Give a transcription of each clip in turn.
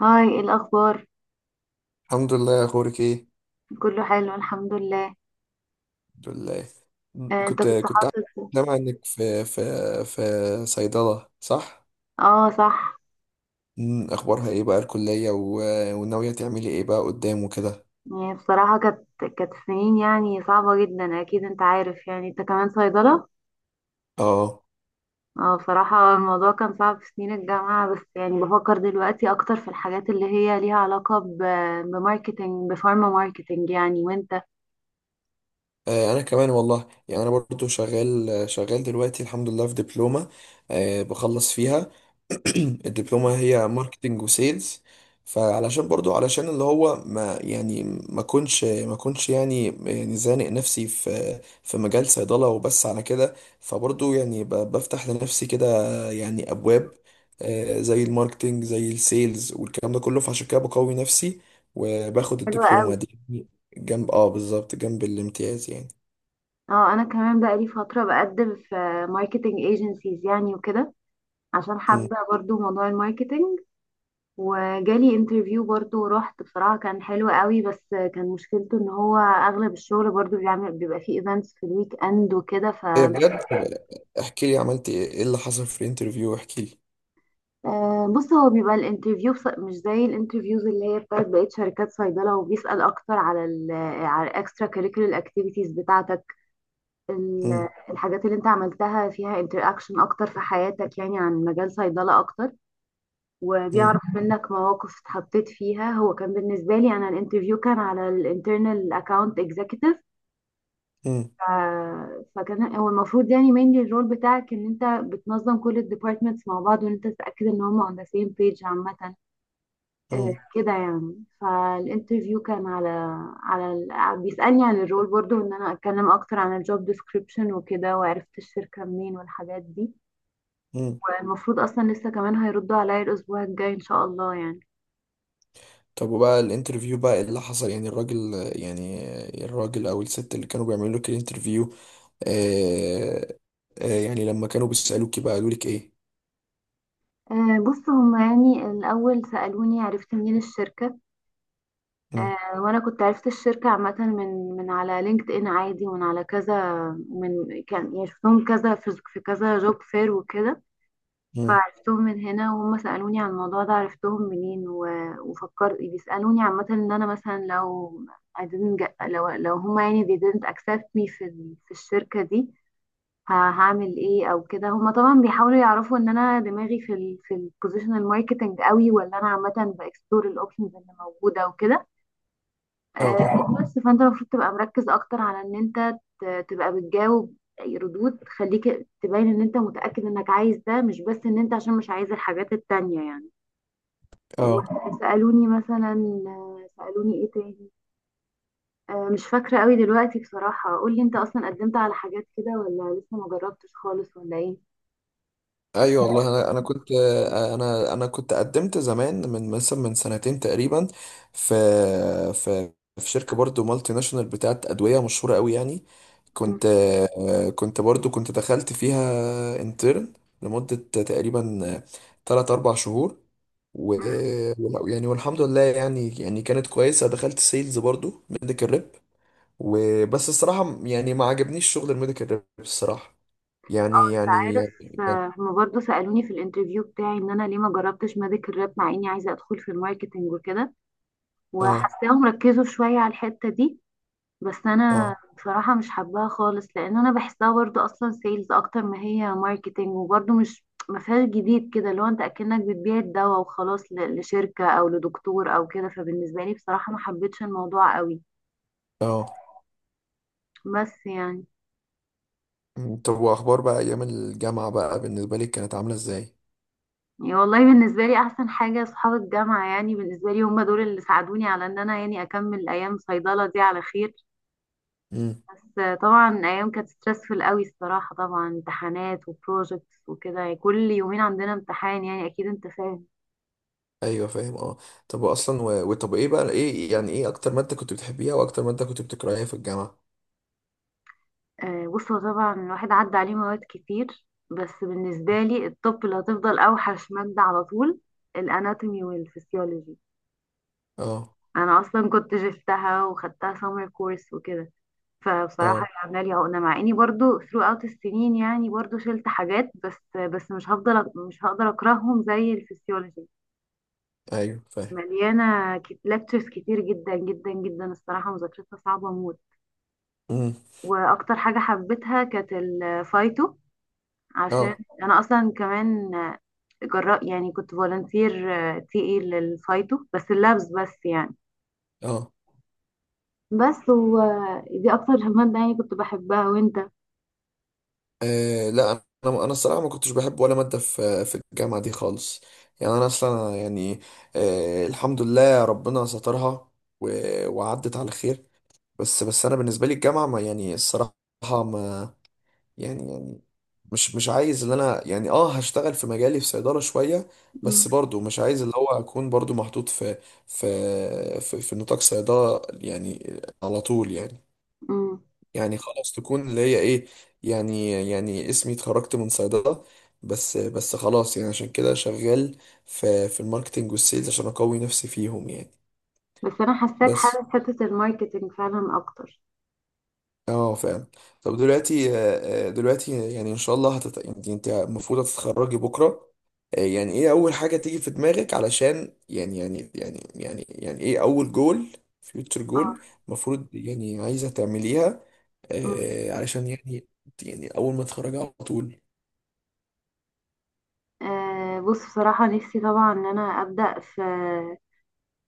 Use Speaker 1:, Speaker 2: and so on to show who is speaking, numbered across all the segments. Speaker 1: هاي، إيه الأخبار؟
Speaker 2: الحمد لله. اخبارك ايه؟
Speaker 1: كله حلو الحمد لله.
Speaker 2: الحمد لله. م-
Speaker 1: آه، انت
Speaker 2: كنت
Speaker 1: كنت
Speaker 2: كنت عارف-
Speaker 1: حاطط.
Speaker 2: سامع انك في صيدله، صح؟
Speaker 1: اه صح.
Speaker 2: اخبارها ايه بقى الكليه وناويه تعملي ايه بقى قدام وكده؟
Speaker 1: يعني بصراحة كانت سنين يعني صعبة جدا، اكيد انت عارف يعني، انت كمان صيدلة.
Speaker 2: اه.
Speaker 1: اه بصراحة الموضوع كان صعب في سنين الجامعة، بس يعني بفكر دلوقتي اكتر في الحاجات اللي هي ليها علاقة بماركتينج، بفارما ماركتينج يعني. وانت؟
Speaker 2: انا كمان والله يعني انا برضو شغال شغال دلوقتي الحمد لله في دبلومه. بخلص فيها. الدبلومة هي ماركتينج وسيلز. فعلشان برضو علشان اللي هو ما يعني ما كنش يعني زانق نفسي في مجال صيدلة وبس على كده. فبرضو يعني بفتح لنفسي كده يعني أبواب، زي الماركتينج زي السيلز والكلام ده كله. فعشان كده بقوي نفسي وباخد
Speaker 1: حلوة قوي.
Speaker 2: الدبلومة دي جنب، اه، بالظبط جنب الامتياز يعني.
Speaker 1: اه انا كمان بقالي فترة بقدم في ماركتينج ايجنسيز يعني وكده، عشان حابة
Speaker 2: مم.
Speaker 1: برضو موضوع الماركتينج. وجالي انترفيو برضو ورحت، بصراحة كان حلو قوي، بس كان مشكلته ان هو اغلب الشغل برضو بيعمل، بيبقى فيه ايفنتس في الويك اند وكده. ف
Speaker 2: ايه، بجد؟ احكي لي عملت ايه، إيه اللي حصل في الانترفيو؟ احكي لي.
Speaker 1: آه، بص هو بيبقى الانترفيو مش زي الانترفيوز اللي هي بتاعت بقية شركات صيدلة، وبيسأل اكتر على على الاكسترا كاريكولر اكتيفيتيز بتاعتك،
Speaker 2: مم.
Speaker 1: الحاجات اللي انت عملتها فيها انتر اكشن اكتر في حياتك يعني عن مجال صيدلة اكتر،
Speaker 2: مم.
Speaker 1: وبيعرف منك مواقف اتحطيت فيها. هو كان بالنسبة لي أنا الانترفيو كان على الانترنال اكاونت اكزيكتيف،
Speaker 2: مم.
Speaker 1: فكان هو المفروض يعني mainly الرول بتاعك ان انت بتنظم كل الديبارتمنتس مع بعض، وان انت تتأكد ان هم on the same page عامة. آه،
Speaker 2: مم.
Speaker 1: كده يعني. فالانترفيو كان على بيسألني عن الرول برضو ان انا اتكلم اكتر عن الجوب ديسكريبشن وكده، وعرفت الشركة منين والحاجات دي.
Speaker 2: مم.
Speaker 1: المفروض اصلا لسه كمان هيردوا عليا الاسبوع الجاي ان شاء الله يعني.
Speaker 2: طب وبقى الانترفيو بقى ايه اللي حصل، يعني الراجل، يعني الراجل او الست اللي كانوا بيعملوا لك الانترفيو؟ آه يعني لما كانوا بيسألوكي بقى قالوا لك ايه؟
Speaker 1: آه، بص هما يعني الأول سألوني عرفت منين الشركة.
Speaker 2: مم.
Speaker 1: آه، وأنا كنت عرفت الشركة عامة من على لينكد إن عادي، ومن على كذا، من كان يعني شفتهم كذا في في كذا جوب فير وكده.
Speaker 2: مم.
Speaker 1: فعرفتهم من هنا، وهم سألوني عن الموضوع ده عرفتهم منين، وفكرت بيسألوني عامة إن أنا مثلا لو I didn't get، لو هما يعني they didn't accept me في في الشركة دي، هعمل ايه او كده. هما طبعا بيحاولوا يعرفوا ان انا دماغي في في البوزيشنال ماركتنج قوي، ولا انا عامه باكسبلور الاوبشنز اللي موجوده وكده.
Speaker 2: اه،
Speaker 1: آه، بس فانت المفروض تبقى مركز اكتر على ان انت تبقى بتجاوب ردود تخليك تبين ان انت متاكد انك عايز ده، مش بس ان انت عشان مش عايز الحاجات التانية يعني.
Speaker 2: اه.
Speaker 1: وسالوني مثلا، آه، سالوني ايه تاني. آه، مش فاكره قوي دلوقتي بصراحه. قول لي انت اصلا قدمت على حاجات كده، ولا لسه ما جربتش خالص، ولا ايه؟
Speaker 2: ايوه والله انا كنت، انا كنت قدمت زمان من مثلا سنتين تقريبا في في في شركه برضو مالتي ناشونال بتاعت ادويه مشهوره قوي يعني. كنت كنت دخلت فيها انترن لمده تقريبا 3 4 شهور. و، يعني والحمد لله، يعني كانت كويسه. دخلت سيلز برضو ميديكال ريب. وبس الصراحه يعني ما عجبنيش شغل الميديكال ريب الصراحه.
Speaker 1: اه
Speaker 2: يعني
Speaker 1: انت
Speaker 2: يعني
Speaker 1: عارف.
Speaker 2: يعني-
Speaker 1: آه، هما برضه سألوني في الانترفيو بتاعي ان انا ليه ما جربتش ميديكال راب مع اني عايزة ادخل في الماركتينج وكده،
Speaker 2: اه،
Speaker 1: وحاساهم ركزوا شوية على الحتة دي. بس انا
Speaker 2: اه،
Speaker 1: بصراحة مش حباها خالص، لان انا بحسها برضه اصلا سيلز اكتر ما هي ماركتينج، وبرضه مش ما فيهاش جديد كده، اللي هو انت اكنك بتبيع الدواء وخلاص، لشركة او لدكتور او كده. فبالنسبة لي بصراحة ما حبيتش الموضوع قوي،
Speaker 2: اه.
Speaker 1: بس يعني.
Speaker 2: مم. طب واخبار بقى ايام الجامعه بقى بالنسبه لك كانت عامله ازاي؟
Speaker 1: يعني والله بالنسبة لي أحسن حاجة أصحاب الجامعة، يعني بالنسبة لي هم دول اللي ساعدوني على إن أنا يعني أكمل أيام صيدلة دي على خير.
Speaker 2: امم.
Speaker 1: بس طبعا أيام كانت ستريسفul قوي الصراحة، طبعا امتحانات وبروجكتس وكده، يعني كل يومين عندنا امتحان يعني، أكيد أنت فاهم.
Speaker 2: ايوه فاهم، اه. طب اصلا وطب ايه بقى، ايه يعني، ايه اكتر ماده كنت بتحبيها واكتر ماده كنت بتكرهيها في الجامعه؟
Speaker 1: آه، بص هو طبعا الواحد عدى عليه مواد كتير، بس بالنسبة لي الطب اللي هتفضل أوحش مادة على طول، الأناتومي والفسيولوجي.
Speaker 2: اه.
Speaker 1: أنا أصلا كنت جبتها وخدتها سمر كورس وكده، فبصراحة
Speaker 2: اه.
Speaker 1: هي عاملة لي عقدة. مع اني برضو throughout السنين يعني برضو شلت حاجات، بس مش هفضل، مش هقدر اكرههم زي الفسيولوجي.
Speaker 2: ايوه فاهم.
Speaker 1: مليانة لكتشرز كتير جدا جدا جدا الصراحة، مذاكرتها صعبة موت.
Speaker 2: امم.
Speaker 1: واكتر حاجة حبيتها كانت الفايتو، عشان
Speaker 2: اه.
Speaker 1: انا اصلا كمان جراء يعني كنت فولنتير تي اي للفايتو، بس اللابس بس يعني.
Speaker 2: اه.
Speaker 1: بس ودي اكتر مادة يعني كنت بحبها. وانت؟
Speaker 2: لا، انا الصراحه ما كنتش بحب ولا ماده في الجامعه دي خالص. يعني انا اصلا يعني آه الحمد لله ربنا سترها و وعدت على خير. بس بس انا بالنسبه لي الجامعه ما يعني الصراحه ما، يعني يعني، مش عايز ان انا يعني اه هشتغل في مجالي في صيدلة شوية.
Speaker 1: مم.
Speaker 2: بس برضو مش عايز اللي هو اكون برضو محطوط في نطاق صيدلة يعني على طول يعني.
Speaker 1: مم.
Speaker 2: يعني خلاص تكون اللي هي ايه، يعني، يعني اسمي اتخرجت من صيدلة. بس بس خلاص يعني عشان كده شغال في الماركتينج والسيلز عشان اقوي نفسي فيهم يعني.
Speaker 1: بس انا حاساك
Speaker 2: بس
Speaker 1: حاسس حته الماركتينج فعلا اكتر.
Speaker 2: اه، فعلا. طب دلوقتي، دلوقتي يعني ان شاء الله يعني انت المفروض هتتخرجي بكره، يعني ايه اول حاجه تيجي في دماغك علشان، يعني يعني يعني يعني يعني، ايه اول جول، فيوتشر
Speaker 1: اه.
Speaker 2: جول المفروض يعني عايزه تعمليها
Speaker 1: أمم.
Speaker 2: علشان يعني يعني اول ما تتخرجي على طول؟
Speaker 1: آه، بص بصراحه نفسي طبعا ان انا ابدا في،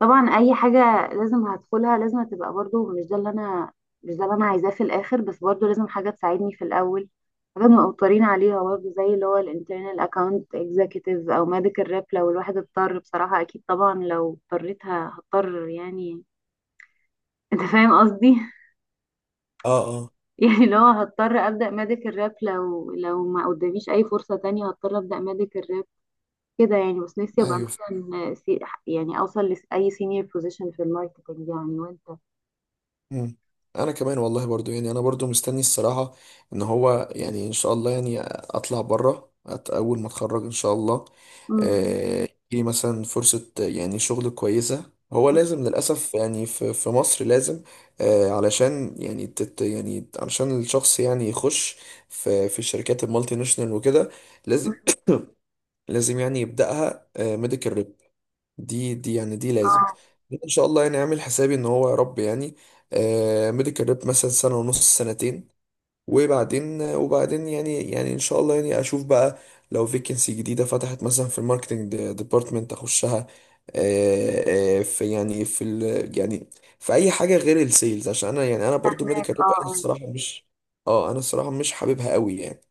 Speaker 1: طبعا اي حاجه لازم هدخلها لازم تبقى برضو مش ده اللي انا، مش ده اللي انا عايزاه في الاخر، بس برضو لازم حاجه تساعدني في الاول، حاجه مقطرين عليها برضو، زي اللي هو الانترنال اكاونت اكزيكتيف او ميديكال ريب لو الواحد اضطر. بصراحه اكيد طبعا لو اضطريت هضطر يعني، انت فاهم قصدي.
Speaker 2: اه، اه.
Speaker 1: يعني لو هضطر ابدا ميديكال راب، لو ما قداميش اي فرصه تانية هضطر ابدا ميديكال راب كده يعني. بس نفسي ابقى
Speaker 2: ايوه.
Speaker 1: مثلا سي... يعني اوصل لاي سينيور بوزيشن في الماركتنج يعني. وانت؟
Speaker 2: مم. انا كمان والله برضو يعني انا برضو مستني الصراحة ان هو يعني ان شاء الله يعني اطلع بره اول ما اتخرج ان شاء الله.
Speaker 1: مم.
Speaker 2: يجيلي مثلا فرصة، يعني شغل كويسة. هو لازم للأسف يعني في مصر لازم، علشان يعني يعني علشان الشخص يعني يخش في الشركات المالتي ناشونال وكده لازم.
Speaker 1: مم.
Speaker 2: لازم يعني يبدأها ميديكال. دي يعني دي لازم.
Speaker 1: اه
Speaker 2: ان شاء الله يعني اعمل حسابي ان هو يا رب يعني آه ميديكال ريب مثلا سنه ونص، سنتين. وبعدين يعني ان شاء الله يعني اشوف بقى لو فيكنسي جديده فتحت مثلا في الماركتنج ديبارتمنت اخشها. في يعني في ال يعني في اي حاجه غير السيلز عشان انا يعني انا برضو
Speaker 1: فاهمك
Speaker 2: ميديكال ريب، انا
Speaker 1: اه.
Speaker 2: الصراحه مش، اه انا الصراحه مش حاببها قوي يعني.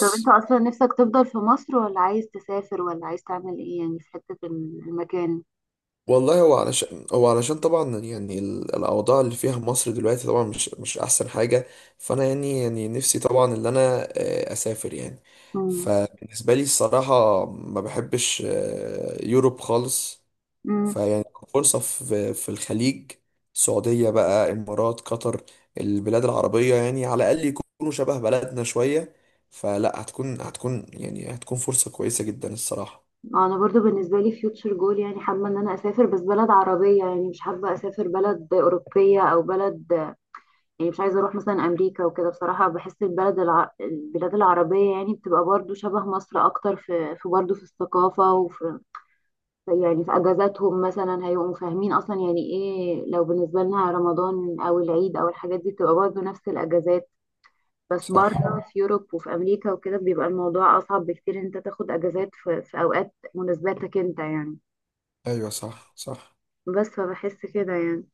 Speaker 1: طب انت اصلا نفسك تفضل في مصر، ولا عايز تسافر، ولا عايز تعمل ايه يعني في حته المكان؟
Speaker 2: والله هو علشان، هو علشان طبعا يعني الاوضاع اللي فيها مصر دلوقتي طبعا مش مش احسن حاجه. فانا يعني نفسي طبعا ان انا اسافر يعني.
Speaker 1: مم.
Speaker 2: فبالنسبه لي الصراحه ما بحبش يوروب خالص.
Speaker 1: مم.
Speaker 2: فيعني فرصه في الخليج، السعوديه بقى، امارات، قطر. البلاد العربيه يعني على الاقل يكونوا شبه بلدنا شويه. فلا هتكون هتكون فرصه كويسه جدا الصراحه.
Speaker 1: انا برضو بالنسبه لي فيوتشر جول يعني حابه ان انا اسافر، بس بلد عربيه يعني، مش حابه اسافر بلد اوروبيه او بلد، يعني مش عايزة اروح مثلا امريكا وكده. بصراحة بحس البلد الع... البلاد العربية يعني بتبقى برضو شبه مصر اكتر في في برضو في الثقافة وفي، يعني في اجازاتهم مثلا هيبقوا فاهمين اصلا يعني ايه، لو بالنسبة لنا رمضان او العيد او الحاجات دي بتبقى برضو نفس الاجازات. بس
Speaker 2: صح.
Speaker 1: بره في يوروب وفي امريكا وكده بيبقى الموضوع اصعب بكتير إن انت تاخد اجازات في، في اوقات مناسباتك انت يعني.
Speaker 2: ايوه صح، صح.
Speaker 1: بس فبحس كده يعني.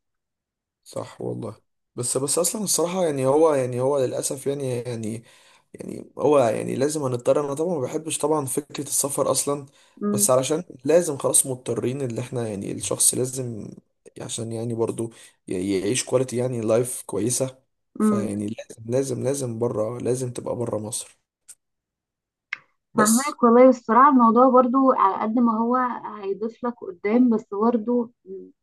Speaker 2: صح والله. بس بس اصلا الصراحه يعني هو يعني هو للاسف يعني يعني يعني هو يعني لازم هنضطر. انا طبعا ما بحبش طبعا فكره السفر اصلا، بس علشان لازم خلاص مضطرين اللي احنا يعني الشخص لازم عشان يعني برضو يعيش كواليتي يعني لايف كويسه. مم.
Speaker 1: امم.
Speaker 2: فيعني لازم بره لازم تبقى بره مصر. بس.
Speaker 1: فهمك والله. الصراحة الموضوع برضو على قد ما هو هيضيف لك قدام، بس برضو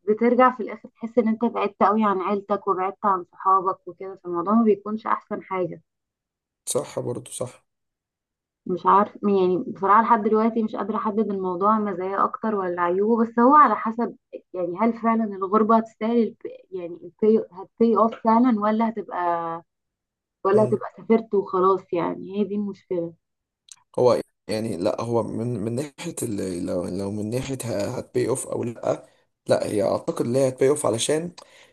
Speaker 1: بترجع في الآخر تحس إن أنت بعدت قوي عن عيلتك، وبعدت عن صحابك وكده، فالموضوع ما بيكونش أحسن حاجة.
Speaker 2: صح برضو، صح.
Speaker 1: مش عارف يعني بصراحة لحد دلوقتي مش قادرة أحدد الموضوع مزايا أكتر ولا عيوبه، بس هو على حسب، يعني هل فعلا الغربة هتستاهل يعني البي هتبي أوف فعلا، ولا هتبقى، ولا
Speaker 2: مم.
Speaker 1: هتبقى سافرت وخلاص؟ يعني هي دي المشكلة.
Speaker 2: هو يعني لا هو من ناحية لو من ناحية هتبي اوف او لا، لا هي اعتقد ان هي هتبي اوف علشان.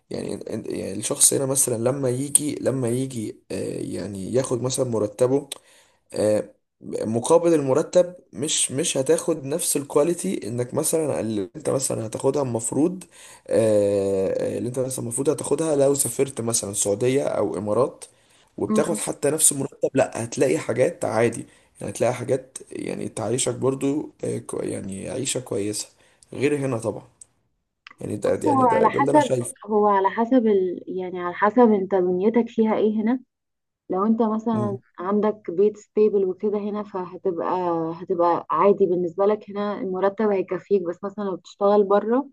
Speaker 2: يعني يعني الشخص هنا مثلا لما يجي، آه، يعني ياخد مثلا مرتبه، آه، مقابل المرتب مش هتاخد نفس الكواليتي انك مثلا اللي انت مثلا هتاخدها المفروض. اللي انت مثلا المفروض هتاخدها لو سافرت مثلا السعودية او امارات وبتاخد حتى نفس المرتب، لا هتلاقي حاجات عادي. يعني هتلاقي حاجات يعني تعيشك برضو، آه، يعني عيشة كويسة غير هنا طبعا. يعني ده
Speaker 1: بص
Speaker 2: يعني
Speaker 1: هو
Speaker 2: ده
Speaker 1: على
Speaker 2: ده اللي انا
Speaker 1: حسب،
Speaker 2: شايفه.
Speaker 1: هو على حسب ال... يعني على حسب انت دنيتك فيها ايه هنا. لو انت مثلا
Speaker 2: امم.
Speaker 1: عندك بيت ستيبل وكده هنا، فهتبقى، هتبقى عادي بالنسبة لك، هنا المرتب هيكفيك. بس مثلا لو بتشتغل بره،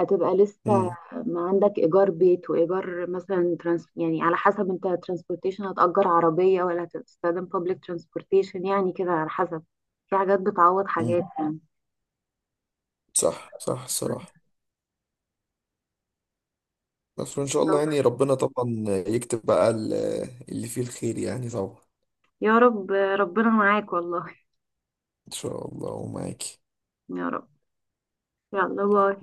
Speaker 1: هتبقى لسه
Speaker 2: امم.
Speaker 1: ما عندك ايجار بيت وايجار مثلا ترانس... يعني على حسب انت ترانسبورتيشن، هتأجر عربية ولا هتستخدم بابليك ترانسبورتيشن يعني، كده على حسب. في حاجات بتعوض
Speaker 2: امم.
Speaker 1: حاجات يعني.
Speaker 2: صح، صح الصراحة. بس وإن شاء الله يعني ربنا طبعا يكتب بقى اللي فيه الخير يعني طبعا.
Speaker 1: يا رب ربنا معاك والله.
Speaker 2: إن شاء الله ومعاكي.
Speaker 1: يا رب. يلا باي.